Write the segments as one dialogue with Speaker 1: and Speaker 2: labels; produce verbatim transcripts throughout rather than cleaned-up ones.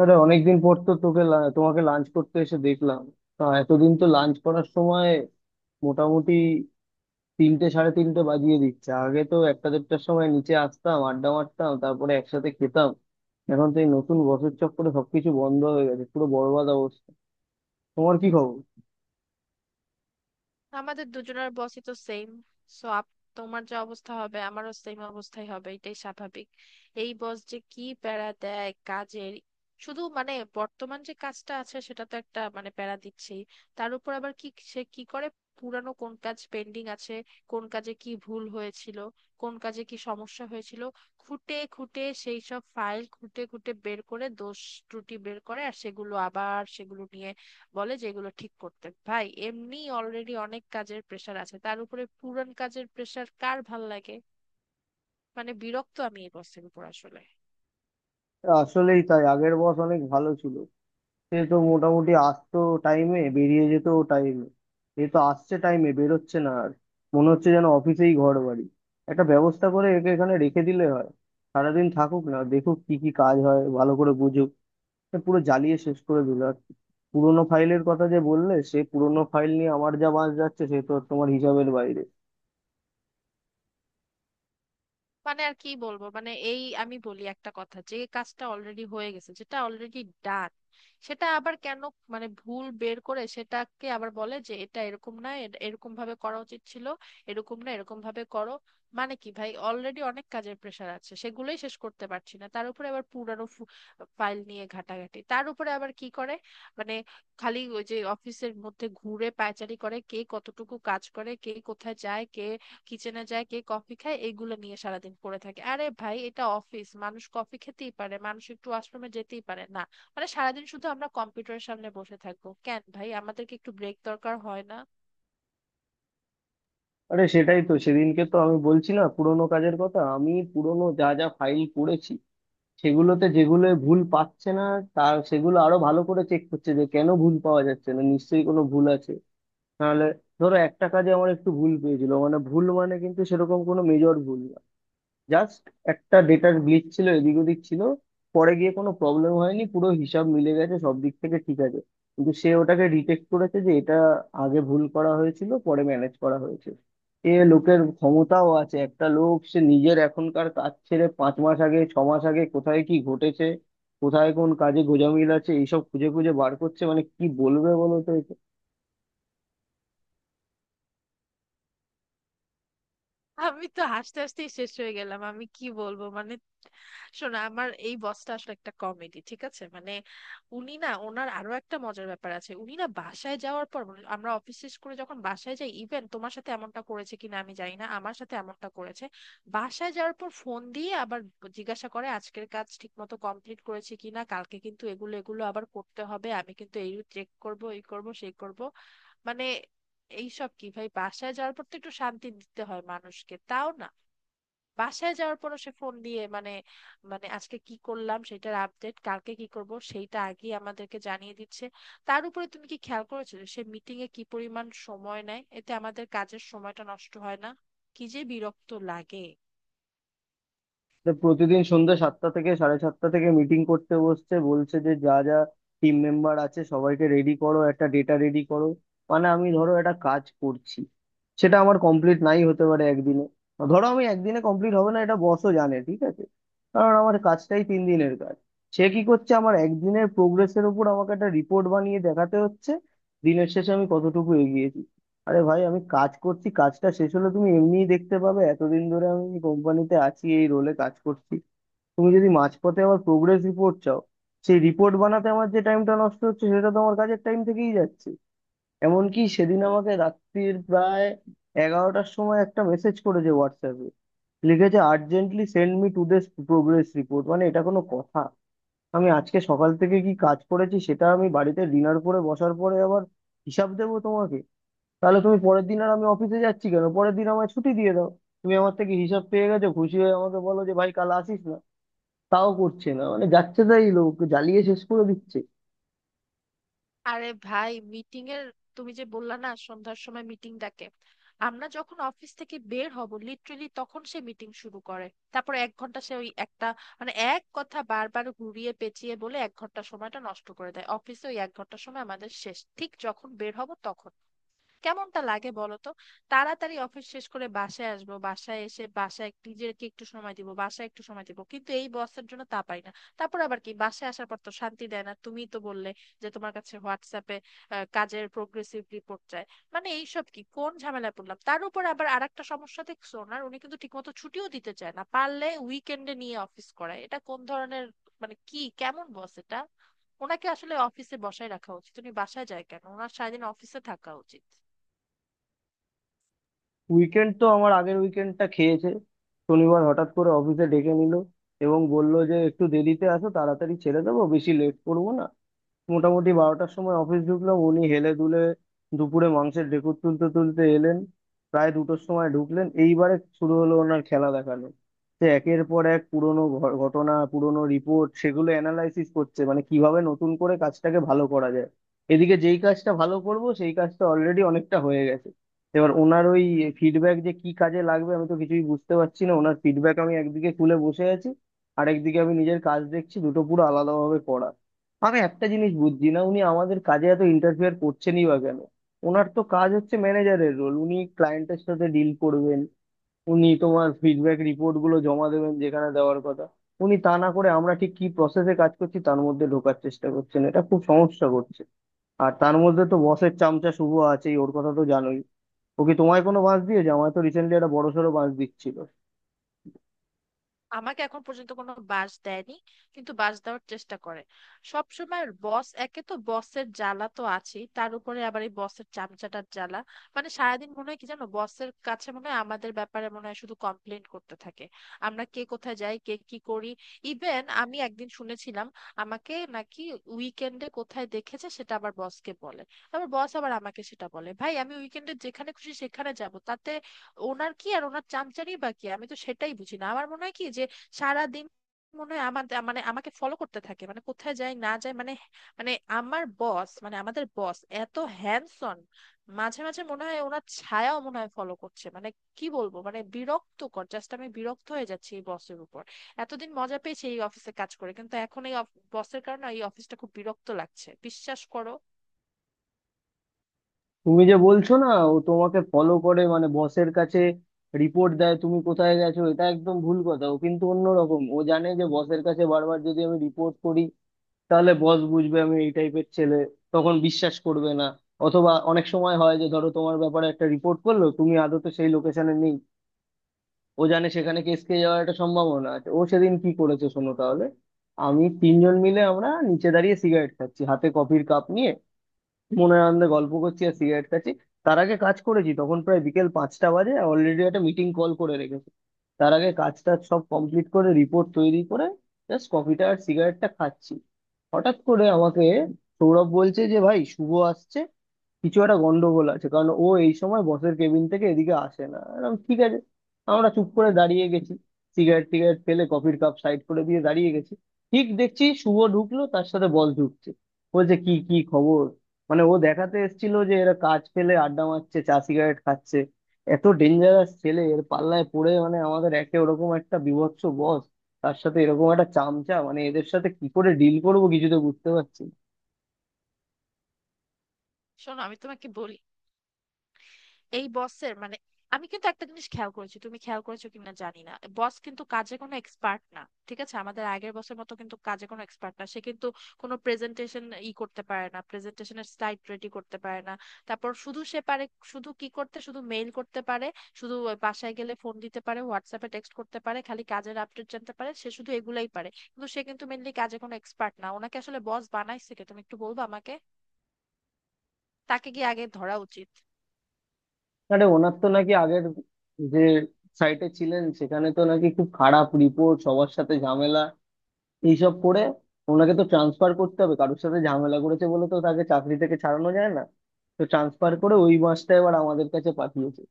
Speaker 1: আরে অনেকদিন পর তো তোকে লা- তোমাকে লাঞ্চ করতে এসে দেখলাম। আহ, এতদিন তো লাঞ্চ করার সময় মোটামুটি তিনটে সাড়ে তিনটে বাজিয়ে দিচ্ছে। আগে তো একটা দেড়টার সময় নিচে আসতাম, আড্ডা মারতাম, তারপরে একসাথে খেতাম। এখন তো এই নতুন বছর চক্করে সবকিছু বন্ধ হয়ে গেছে, পুরো বরবাদ অবস্থা। তোমার কি খবর?
Speaker 2: আমাদের দুজনের বসই তো সেম। সো আপ, তোমার যা অবস্থা হবে আমারও সেম অবস্থাই হবে, এটাই স্বাভাবিক। এই বস যে কি প্যারা দেয় কাজের! শুধু মানে, বর্তমান যে কাজটা আছে সেটা তো একটা মানে প্যারা দিচ্ছেই। তার উপর আবার কি সে কি করে, পুরানো কোন কাজ পেন্ডিং আছে, কোন কাজে কি ভুল হয়েছিল, কোন কাজে কি সমস্যা হয়েছিল, খুঁটে খুঁটে সেই সব ফাইল খুঁটে খুঁটে বের করে দোষ ত্রুটি বের করে, আর সেগুলো আবার সেগুলো নিয়ে বলে যে এগুলো ঠিক করতে। ভাই এমনি অলরেডি অনেক কাজের প্রেসার আছে, তার উপরে পুরান কাজের প্রেসার কার ভাল লাগে! মানে বিরক্ত আমি এই বসের উপর আসলে।
Speaker 1: আসলেই তাই, আগের বস অনেক ভালো ছিল। সে তো মোটামুটি আসতো টাইমে, বেরিয়ে যেত টাইমে। এ তো আসছে টাইমে, বেরোচ্ছে না আর। মনে হচ্ছে যেন অফিসেই ঘর বাড়ি। একটা ব্যবস্থা করে একে এখানে রেখে দিলে হয়। সারাদিন থাকুক, না দেখুক কি কি কাজ হয়, ভালো করে বুঝুক। এ পুরো জ্বালিয়ে শেষ করে দিল আর কি। পুরোনো ফাইলের কথা যে বললে, সে পুরোনো ফাইল নিয়ে আমার যা বাঁশ যাচ্ছে সে তো তোমার হিসাবের বাইরে।
Speaker 2: মানে আর কি বলবো, মানে এই আমি বলি একটা কথা, যে কাজটা অলরেডি হয়ে গেছে, যেটা অলরেডি ডান, সেটা আবার কেন মানে ভুল বের করে সেটাকে আবার বলে যে এটা এরকম না, এ- এরকম ভাবে করা উচিত ছিল, এরকম না এরকম ভাবে করো। মানে কি ভাই, অলরেডি অনেক কাজের প্রেশার আছে, সেগুলোই শেষ করতে পারছি না, তার উপরে আবার পুরানো ফাইল নিয়ে ঘাটাঘাটি। তার উপরে আবার কি করে মানে, খালি ওই যে অফিসের মধ্যে ঘুরে পায়চারি করে, কে কতটুকু কাজ করে, কে কোথায় যায়, কে কিচেনে যায়, কে কফি খায়, এগুলো নিয়ে সারাদিন পড়ে থাকে। আরে ভাই এটা অফিস, মানুষ কফি খেতেই পারে, মানুষ একটু ওয়াশরুমে যেতেই পারে না? মানে সারাদিন শুধু আমরা কম্পিউটারের সামনে বসে থাকবো কেন ভাই, আমাদেরকে একটু ব্রেক দরকার হয় না?
Speaker 1: আরে সেটাই তো, সেদিনকে তো আমি বলছি না পুরোনো কাজের কথা। আমি পুরোনো যা যা ফাইল করেছি, সেগুলোতে যেগুলো ভুল পাচ্ছে না, তার সেগুলো আরো ভালো করে চেক করছে, যে কেন ভুল পাওয়া যাচ্ছে না, নিশ্চয়ই কোনো ভুল আছে। নাহলে ধরো একটা কাজে আমার একটু ভুল পেয়েছিল, মানে ভুল মানে কিন্তু সেরকম কোনো মেজর ভুল না। জাস্ট একটা ডেটার গ্লিচ ছিল, এদিক ওদিক ছিল। পরে গিয়ে কোনো প্রবলেম হয়নি, পুরো হিসাব মিলে গেছে, সব দিক থেকে ঠিক আছে। কিন্তু সে ওটাকে ডিটেক্ট করেছে যে এটা আগে ভুল করা হয়েছিল, পরে ম্যানেজ করা হয়েছে। এ লোকের ক্ষমতাও আছে, একটা লোক সে নিজের এখনকার কাজ ছেড়ে পাঁচ মাস আগে ছ মাস আগে কোথায় কি ঘটেছে, কোথায় কোন কাজে গোঁজামিল আছে, এইসব খুঁজে খুঁজে বার করছে, মানে কি বলবে বলো তো একে?
Speaker 2: আমি তো হাসতে হাসতেই শেষ হয়ে গেলাম, আমি কি বলবো মানে। শোনো, আমার এই বসটা আসলে একটা কমেডি, ঠিক আছে মানে। উনি না, ওনার আরো একটা মজার ব্যাপার আছে। উনি না বাসায় যাওয়ার পর মানে, আমরা অফিস শেষ করে যখন বাসায় যাই, ইভেন তোমার সাথে এমনটা করেছে কিনা আমি জানি না, আমার সাথে এমনটা করেছে, বাসায় যাওয়ার পর ফোন দিয়ে আবার জিজ্ঞাসা করে আজকের কাজ ঠিক মতো কমপ্লিট করেছে কিনা, কালকে কিন্তু এগুলো এগুলো আবার করতে হবে, আমি কিন্তু এই চেক করব, এই করব, সেই করব। মানে এইসব কি ভাই, বাসায় যাওয়ার পর তো একটু শান্তি দিতে হয় মানুষকে, তাও না। বাসায় যাওয়ার পর সে ফোন দিয়ে মানে, মানে আজকে কি করলাম সেটার আপডেট, কালকে কি করব সেইটা আগে আমাদেরকে জানিয়ে দিচ্ছে। তার উপরে তুমি কি খেয়াল করেছো যে সে মিটিং এ কি পরিমাণ সময় নেয়, এতে আমাদের কাজের সময়টা নষ্ট হয় না? কি যে বিরক্ত লাগে!
Speaker 1: তো প্রতিদিন সন্ধ্যা সাতটা থেকে সাড়ে সাতটা থেকে মিটিং করতে বসছে, বলছে যে যা যা টিম মেম্বার আছে সবাইকে রেডি করো, একটা ডেটা রেডি করো। মানে আমি ধরো একটা কাজ করছি, সেটা আমার কমপ্লিট নাই হতে পারে একদিনে। ধরো আমি একদিনে কমপ্লিট হবে না, এটা বসও জানে ঠিক আছে, কারণ আমার কাজটাই তিন দিনের কাজ। সে কি করছে, আমার একদিনের প্রোগ্রেসের উপর আমাকে একটা রিপোর্ট বানিয়ে দেখাতে হচ্ছে দিনের শেষে আমি কতটুকু এগিয়েছি। আরে ভাই আমি কাজ করছি, কাজটা শেষ হলে তুমি এমনিই দেখতে পাবে। এতদিন ধরে আমি কোম্পানিতে আছি, এই রোলে কাজ করছি। তুমি যদি মাঝপথে আবার প্রোগ্রেস রিপোর্ট চাও, সেই রিপোর্ট বানাতে আমার যে টাইমটা নষ্ট হচ্ছে, সেটা তো আমার কাজের টাইম থেকেই যাচ্ছে। এমনকি সেদিন আমাকে রাত্রির প্রায় এগারোটার সময় একটা মেসেজ করেছে হোয়াটসঅ্যাপে, লিখেছে urgently send me to this progress report. মানে এটা কোনো কথা? আমি আজকে সকাল থেকে কি কাজ করেছি সেটা আমি বাড়িতে ডিনার করে বসার পরে আবার হিসাব দেবো তোমাকে? তাহলে তুমি পরের দিন আর আমি অফিসে যাচ্ছি কেন, পরের দিন আমায় ছুটি দিয়ে দাও। তুমি আমার থেকে হিসাব পেয়ে গেছো, খুশি হয়ে আমাকে বলো যে ভাই কাল আসিস না। তাও করছে না, মানে যাচ্ছে তাই লোক জ্বালিয়ে শেষ করে দিচ্ছে।
Speaker 2: আরে ভাই মিটিং এর, তুমি যে বললা না সন্ধ্যার সময় মিটিং ডাকে, আমরা যখন অফিস থেকে বের হব লিটারেলি তখন সে মিটিং শুরু করে। তারপর এক ঘন্টা সে ওই একটা মানে এক কথা বারবার ঘুরিয়ে পেঁচিয়ে বলে, এক ঘন্টা সময়টা নষ্ট করে দেয় অফিসে, ওই এক ঘন্টা সময় আমাদের শেষ, ঠিক যখন বের হব তখন। কেমনটা লাগে বলো তো। তাড়াতাড়ি অফিস শেষ করে বাসায় আসবো, বাসায় এসে বাসায় নিজেকে একটু সময় দিব, বাসায় একটু সময় দিব, কিন্তু এই বসের জন্য তা পারি না। তারপর আবার কি, বাসায় আসার পর তো শান্তি দেয় না, তুমি তো বললে যে তোমার কাছে হোয়াটসঅ্যাপে আহ, কাজের প্রোগ্রেসিভ রিপোর্ট চায়। মানে এইসব কি, কোন ঝামেলায় পড়লাম। তার উপর আবার আরেকটা সমস্যা দেখছো ওনার, উনি কিন্তু ঠিকমতো ছুটিও দিতে চায় না, পারলে উইকেন্ডে নিয়ে অফিস করায়। এটা কোন ধরনের মানে, কি কেমন বস এটা! ওনাকে আসলে অফিসে বসায় রাখা উচিত, উনি বাসায় যায় কেন, ওনার সারাদিন অফিসে থাকা উচিত।
Speaker 1: উইকেন্ড তো আমার আগের উইকেন্ডটা খেয়েছে। শনিবার হঠাৎ করে অফিসে ডেকে নিল এবং বলল যে একটু দেরিতে আসো, তাড়াতাড়ি ছেড়ে দেবো, বেশি লেট করবো না। মোটামুটি বারোটার সময় অফিস ঢুকলাম, উনি হেলে দুলে দুপুরে মাংসের ঢেকুর তুলতে তুলতে এলেন প্রায় দুটোর সময় ঢুকলেন। এইবারে শুরু হলো ওনার খেলা দেখানো। সে একের পর এক পুরনো ঘ- ঘটনা পুরনো রিপোর্ট সেগুলো অ্যানালাইসিস করছে, মানে কিভাবে নতুন করে কাজটাকে ভালো করা যায়। এদিকে যেই কাজটা ভালো করব সেই কাজটা অলরেডি অনেকটা হয়ে গেছে। এবার ওনার ওই ফিডব্যাক যে কি কাজে লাগবে আমি তো কিছুই বুঝতে পারছি না। ওনার ফিডব্যাক আমি একদিকে খুলে বসে আছি, আরেকদিকে আমি নিজের কাজ দেখছি, দুটো পুরো আলাদাভাবে করা। আমি একটা জিনিস বুঝছি না, উনি আমাদের কাজে এত ইন্টারফিয়ার করছেনই বা কেন। ওনার তো কাজ হচ্ছে ম্যানেজারের রোল, উনি ক্লায়েন্টের সাথে ডিল করবেন, উনি তোমার ফিডব্যাক রিপোর্ট গুলো জমা দেবেন যেখানে দেওয়ার কথা। উনি তা না করে আমরা ঠিক কি প্রসেসে কাজ করছি তার মধ্যে ঢোকার চেষ্টা করছেন, এটা খুব সমস্যা করছে। আর তার মধ্যে তো বসের চামচা শুভ আছেই, ওর কথা তো জানোই। ও কি তোমায় কোনো বাঁশ দিয়েছে? আমায় তো রিসেন্টলি একটা বড়সড় বাঁশ দিচ্ছিল।
Speaker 2: আমাকে এখন পর্যন্ত কোনো বাস দেয়নি, কিন্তু বাস দেওয়ার চেষ্টা করে সব সময় বস। একে তো বসের জ্বালা তো আছেই, তার উপরে আবার এই বসের চামচাটার জ্বালা। মানে সারাদিন মনে হয় কি জানো, বসের কাছে মনে হয় আমাদের ব্যাপারে মনে হয় শুধু কমপ্লেন করতে থাকে। আমরা কে কোথায় যাই, কে কি করি। ইভেন আমি একদিন শুনেছিলাম আমাকে নাকি উইকেন্ডে কোথায় দেখেছে, সেটা আবার বসকে বলে, আবার বস আবার আমাকে সেটা বলে। ভাই আমি উইকেন্ডে যেখানে খুশি সেখানে যাব, তাতে ওনার কি, আর ওনার চামচারি বা কি, আমি তো সেটাই বুঝি না। আমার মনে হয় কি যে সারাদিন মনে হয় আমাদের মানে আমাকে ফলো করতে থাকে মানে, কোথায় যায় না যায় মানে, মানে আমার বস মানে আমাদের বস এত হ্যান্ডসন, মাঝে মাঝে মনে হয় ওনার ছায়াও মনে হয় ফলো করছে মানে। কি বলবো মানে, বিরক্তকর, জাস্ট আমি বিরক্ত হয়ে যাচ্ছি এই বসের উপর। এতদিন মজা পেয়েছি এই অফিসে কাজ করে, কিন্তু এখন এই বসের কারণে এই অফিসটা খুব বিরক্ত লাগছে, বিশ্বাস করো।
Speaker 1: তুমি যে বলছো না ও তোমাকে ফলো করে মানে বসের কাছে রিপোর্ট দেয় তুমি কোথায় গেছো, এটা একদম ভুল কথা। ও কিন্তু অন্যরকম, ও জানে যে বসের কাছে বারবার যদি আমি রিপোর্ট করি, তাহলে বস বুঝবে আমি এই টাইপের ছেলে, তখন বিশ্বাস করবে না। অথবা অনেক সময় হয় যে ধরো তোমার ব্যাপারে একটা রিপোর্ট করলো, তুমি আদতে সেই লোকেশনে নেই, ও জানে সেখানে কেস খেয়ে যাওয়ার একটা সম্ভাবনা আছে। ও সেদিন কি করেছে শোনো তাহলে। আমি তিনজন মিলে আমরা নিচে দাঁড়িয়ে সিগারেট খাচ্ছি হাতে কফির কাপ নিয়ে, মনে আনন্দে গল্প করছি আর সিগারেট খাচ্ছি। তার আগে কাজ করেছি, তখন প্রায় বিকেল পাঁচটা বাজে, অলরেডি একটা মিটিং কল করে রেখেছি তার আগে, কাজটা সব কমপ্লিট করে রিপোর্ট তৈরি করে জাস্ট কফিটা আর সিগারেটটা খাচ্ছি। হঠাৎ করে আমাকে সৌরভ বলছে যে ভাই শুভ আসছে, কিছু একটা গন্ডগোল আছে, কারণ ও এই সময় বসের কেবিন থেকে এদিকে আসে না এরকম, ঠিক আছে। আমরা চুপ করে দাঁড়িয়ে গেছি, সিগারেট টিগারেট ফেলে কফির কাপ সাইড করে দিয়ে দাঁড়িয়ে গেছি। ঠিক দেখছি শুভ ঢুকলো, তার সাথে বল ঢুকছে, বলছে কি কি খবর। মানে ও দেখাতে এসেছিল যে এরা কাজ ফেলে আড্ডা মারছে, চা সিগারেট খাচ্ছে। এত ডেঞ্জারাস ছেলে এর পাল্লায় পড়ে, মানে আমাদের একে ওরকম একটা বীভৎস বস, তার সাথে এরকম একটা চামচা, মানে এদের সাথে কি করে ডিল করবো কিছু তো বুঝতে পারছি না।
Speaker 2: শোনো আমি তোমাকে বলি, এই বসের মানে, আমি কিন্তু একটা জিনিস খেয়াল করেছি, তুমি খেয়াল করেছো কিনা জানি না, বস কিন্তু কাজে কোনো এক্সপার্ট না, ঠিক আছে, আমাদের আগের বসের মতো কিন্তু কাজে কোনো এক্সপার্ট না সে। কিন্তু কোনো প্রেজেন্টেশন ই করতে পারে না, প্রেজেন্টেশনের স্লাইড রেডি করতে পারে না। তারপর শুধু সে পারে, শুধু কি করতে, শুধু মেইল করতে পারে, শুধু ওই বাসায় গেলে ফোন দিতে পারে, হোয়াটসঅ্যাপে টেক্সট করতে পারে, খালি কাজের আপডেট জানতে পারে, সে শুধু এগুলাই পারে, কিন্তু সে কিন্তু মেনলি কাজে কোনো এক্সপার্ট না। ওনাকে আসলে বস বানাইছে কে, তুমি একটু বলবা আমাকে, তাকে গিয়ে আগে ধরা উচিত।
Speaker 1: আরে ওনার তো নাকি আগের যে সাইটে ছিলেন সেখানে তো নাকি খুব খারাপ রিপোর্ট, সবার সাথে ঝামেলা এইসব করে। ওনাকে তো ট্রান্সফার করতে হবে, কারোর সাথে ঝামেলা করেছে বলে তো তাকে চাকরি থেকে ছাড়ানো যায় না। তো ট্রান্সফার করে ওই মাসটা এবার আমাদের কাছে পাঠিয়েছে।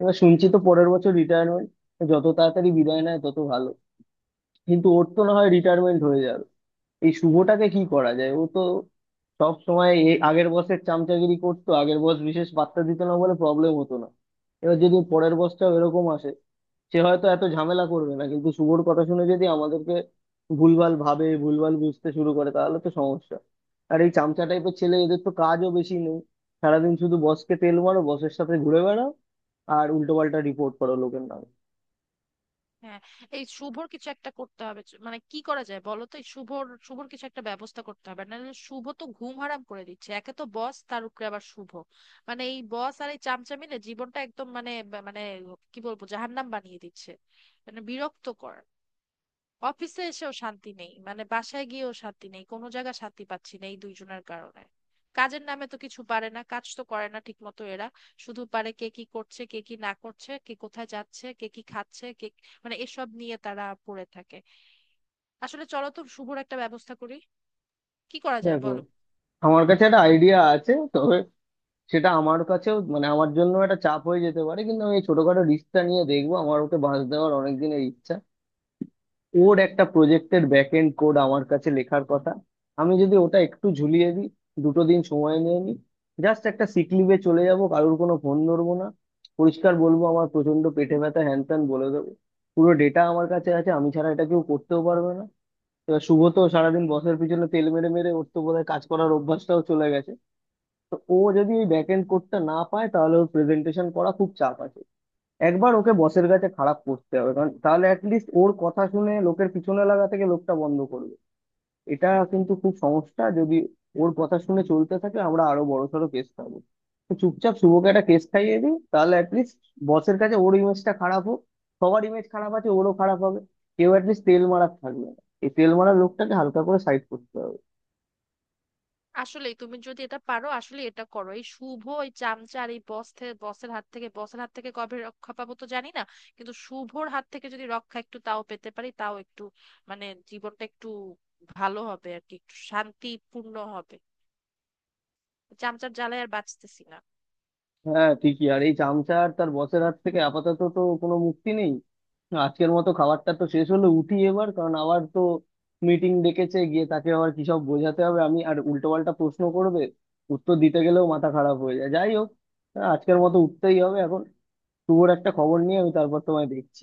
Speaker 1: এবার শুনছি তো পরের বছর রিটায়ারমেন্ট, যত তাড়াতাড়ি বিদায় নেয় তত ভালো। কিন্তু ওর তো না হয় রিটায়ারমেন্ট হয়ে যাবে, এই শুভটাকে কি করা যায়? ও তো সব সময় এই আগের বসের চামচাগিরি করতো, আগের বস বিশেষ পাত্তা দিত না বলে প্রবলেম হতো না। এবার যদি পরের বসটাও এরকম আসে, সে হয়তো এত ঝামেলা করবে না, কিন্তু শুভর কথা শুনে যদি আমাদেরকে ভুলভাল ভাবে ভুলভাল বুঝতে শুরু করে তাহলে তো সমস্যা। আর এই চামচা টাইপের ছেলে, এদের তো কাজও বেশি নেই। সারাদিন শুধু বসকে তেল মারো, বসের সাথে ঘুরে বেড়াও, আর উল্টো পাল্টা রিপোর্ট করো লোকের নামে।
Speaker 2: হ্যাঁ, এই শুভর কিছু একটা করতে হবে, চ- মানে কি করা যায় বলো তো, এই শুভর শুভর কিছু একটা ব্যবস্থা করতে হবে, নাহলে শুভ তো ঘুম হারাম করে দিচ্ছে, একে তো বস তার উপরে আবার শুভ। মানে এই বস আর এই চামচা মিলে জীবনটা একদম মানে বা- মানে কি বলবো, জাহান্নাম বানিয়ে দিচ্ছে। মানে বিরক্তকর, অফিসে এসেও শান্তি নেই, মানে বাসায় গিয়েও শান্তি নেই, কোনো জায়গা শান্তি পাচ্ছি না এই দুইজনের কারণে। কাজের নামে তো কিছু পারে না, কাজ তো করে না ঠিক মতো এরা। শুধু পারে কে কি করছে, কে কি না করছে, কে কোথায় যাচ্ছে, কে কি খাচ্ছে কে, মানে এসব নিয়ে তারা পড়ে থাকে। আসলে চলো তো শুভর একটা ব্যবস্থা করি, কি করা যায়
Speaker 1: দেখো,
Speaker 2: বলো।
Speaker 1: আমার কাছে একটা আইডিয়া আছে, তবে সেটা আমার কাছেও মানে আমার জন্য একটা চাপ হয়ে যেতে পারে, কিন্তু আমি এই ছোটখাটো রিস্কটা নিয়ে দেখবো, আমার ওকে বাঁশ দেওয়ার অনেক দিনের ইচ্ছা। ওর একটা প্রজেক্টের ব্যাক এন্ড কোড আমার কাছে লেখার কথা, আমি যদি ওটা একটু ঝুলিয়ে দিই, দুটো দিন সময় নিয়ে নিই, জাস্ট একটা সিক লিভে চলে যাব, কারোর কোনো ফোন ধরবো না, পরিষ্কার বলবো আমার প্রচন্ড পেটে ব্যথা হ্যান ত্যান বলে দেবো। পুরো ডেটা আমার কাছে আছে, আমি ছাড়া এটা কেউ করতেও পারবে না। এবার শুভ তো সারাদিন বসের পিছনে তেল মেরে মেরে ওর তো বোধহয় কাজ করার অভ্যাসটাও চলে গেছে। তো ও যদি এই ব্যাক এন্ড কোডটা না পায় তাহলে ওর প্রেজেন্টেশন করা খুব চাপ আছে। একবার ওকে বসের কাছে খারাপ করতে হবে, কারণ তাহলে অ্যাটলিস্ট ওর কথা শুনে লোকের পিছনে লাগা থেকে লোকটা বন্ধ করবে। এটা কিন্তু খুব সমস্যা, যদি ওর কথা শুনে চলতে থাকে আমরা আরো বড়সড় কেস পাবো। তো চুপচাপ শুভকে একটা কেস খাইয়ে দিই, তাহলে অ্যাটলিস্ট বসের কাছে ওর ইমেজটা খারাপ হোক। সবার ইমেজ খারাপ আছে, ওরও খারাপ হবে, কেউ অ্যাটলিস্ট তেল মারার থাকবে না। এই তেল মারার লোকটাকে হালকা করে সাইড করতে হবে।
Speaker 2: আসলে তুমি যদি এটা পারো, আসলে এটা করো, এই শুভ ওই চামচা আর এই বস থেকে, বসের হাত থেকে বসের হাত থেকে কবে রক্ষা পাবো তো জানি না, কিন্তু শুভর হাত থেকে যদি রক্ষা একটু তাও পেতে পারি, তাও একটু মানে জীবনটা একটু ভালো হবে আর কি, একটু শান্তিপূর্ণ হবে। চামচার জ্বালায় আর বাঁচতেছি না।
Speaker 1: হ্যাঁ ঠিকই, আর এই চামচা আর তার বসের হাত থেকে আপাতত তো কোনো মুক্তি নেই। আজকের মতো খাবারটা তো শেষ হলো, উঠি এবার, কারণ আবার তো মিটিং ডেকেছে, গিয়ে তাকে আবার কি সব বোঝাতে হবে, আমি আর উল্টো পাল্টা প্রশ্ন করবে, উত্তর দিতে গেলেও মাথা খারাপ হয়ে যায়। যাই হোক, আজকের মতো উঠতেই হবে এখন। শুভর একটা খবর নিয়ে আমি তারপর তোমায় দেখছি।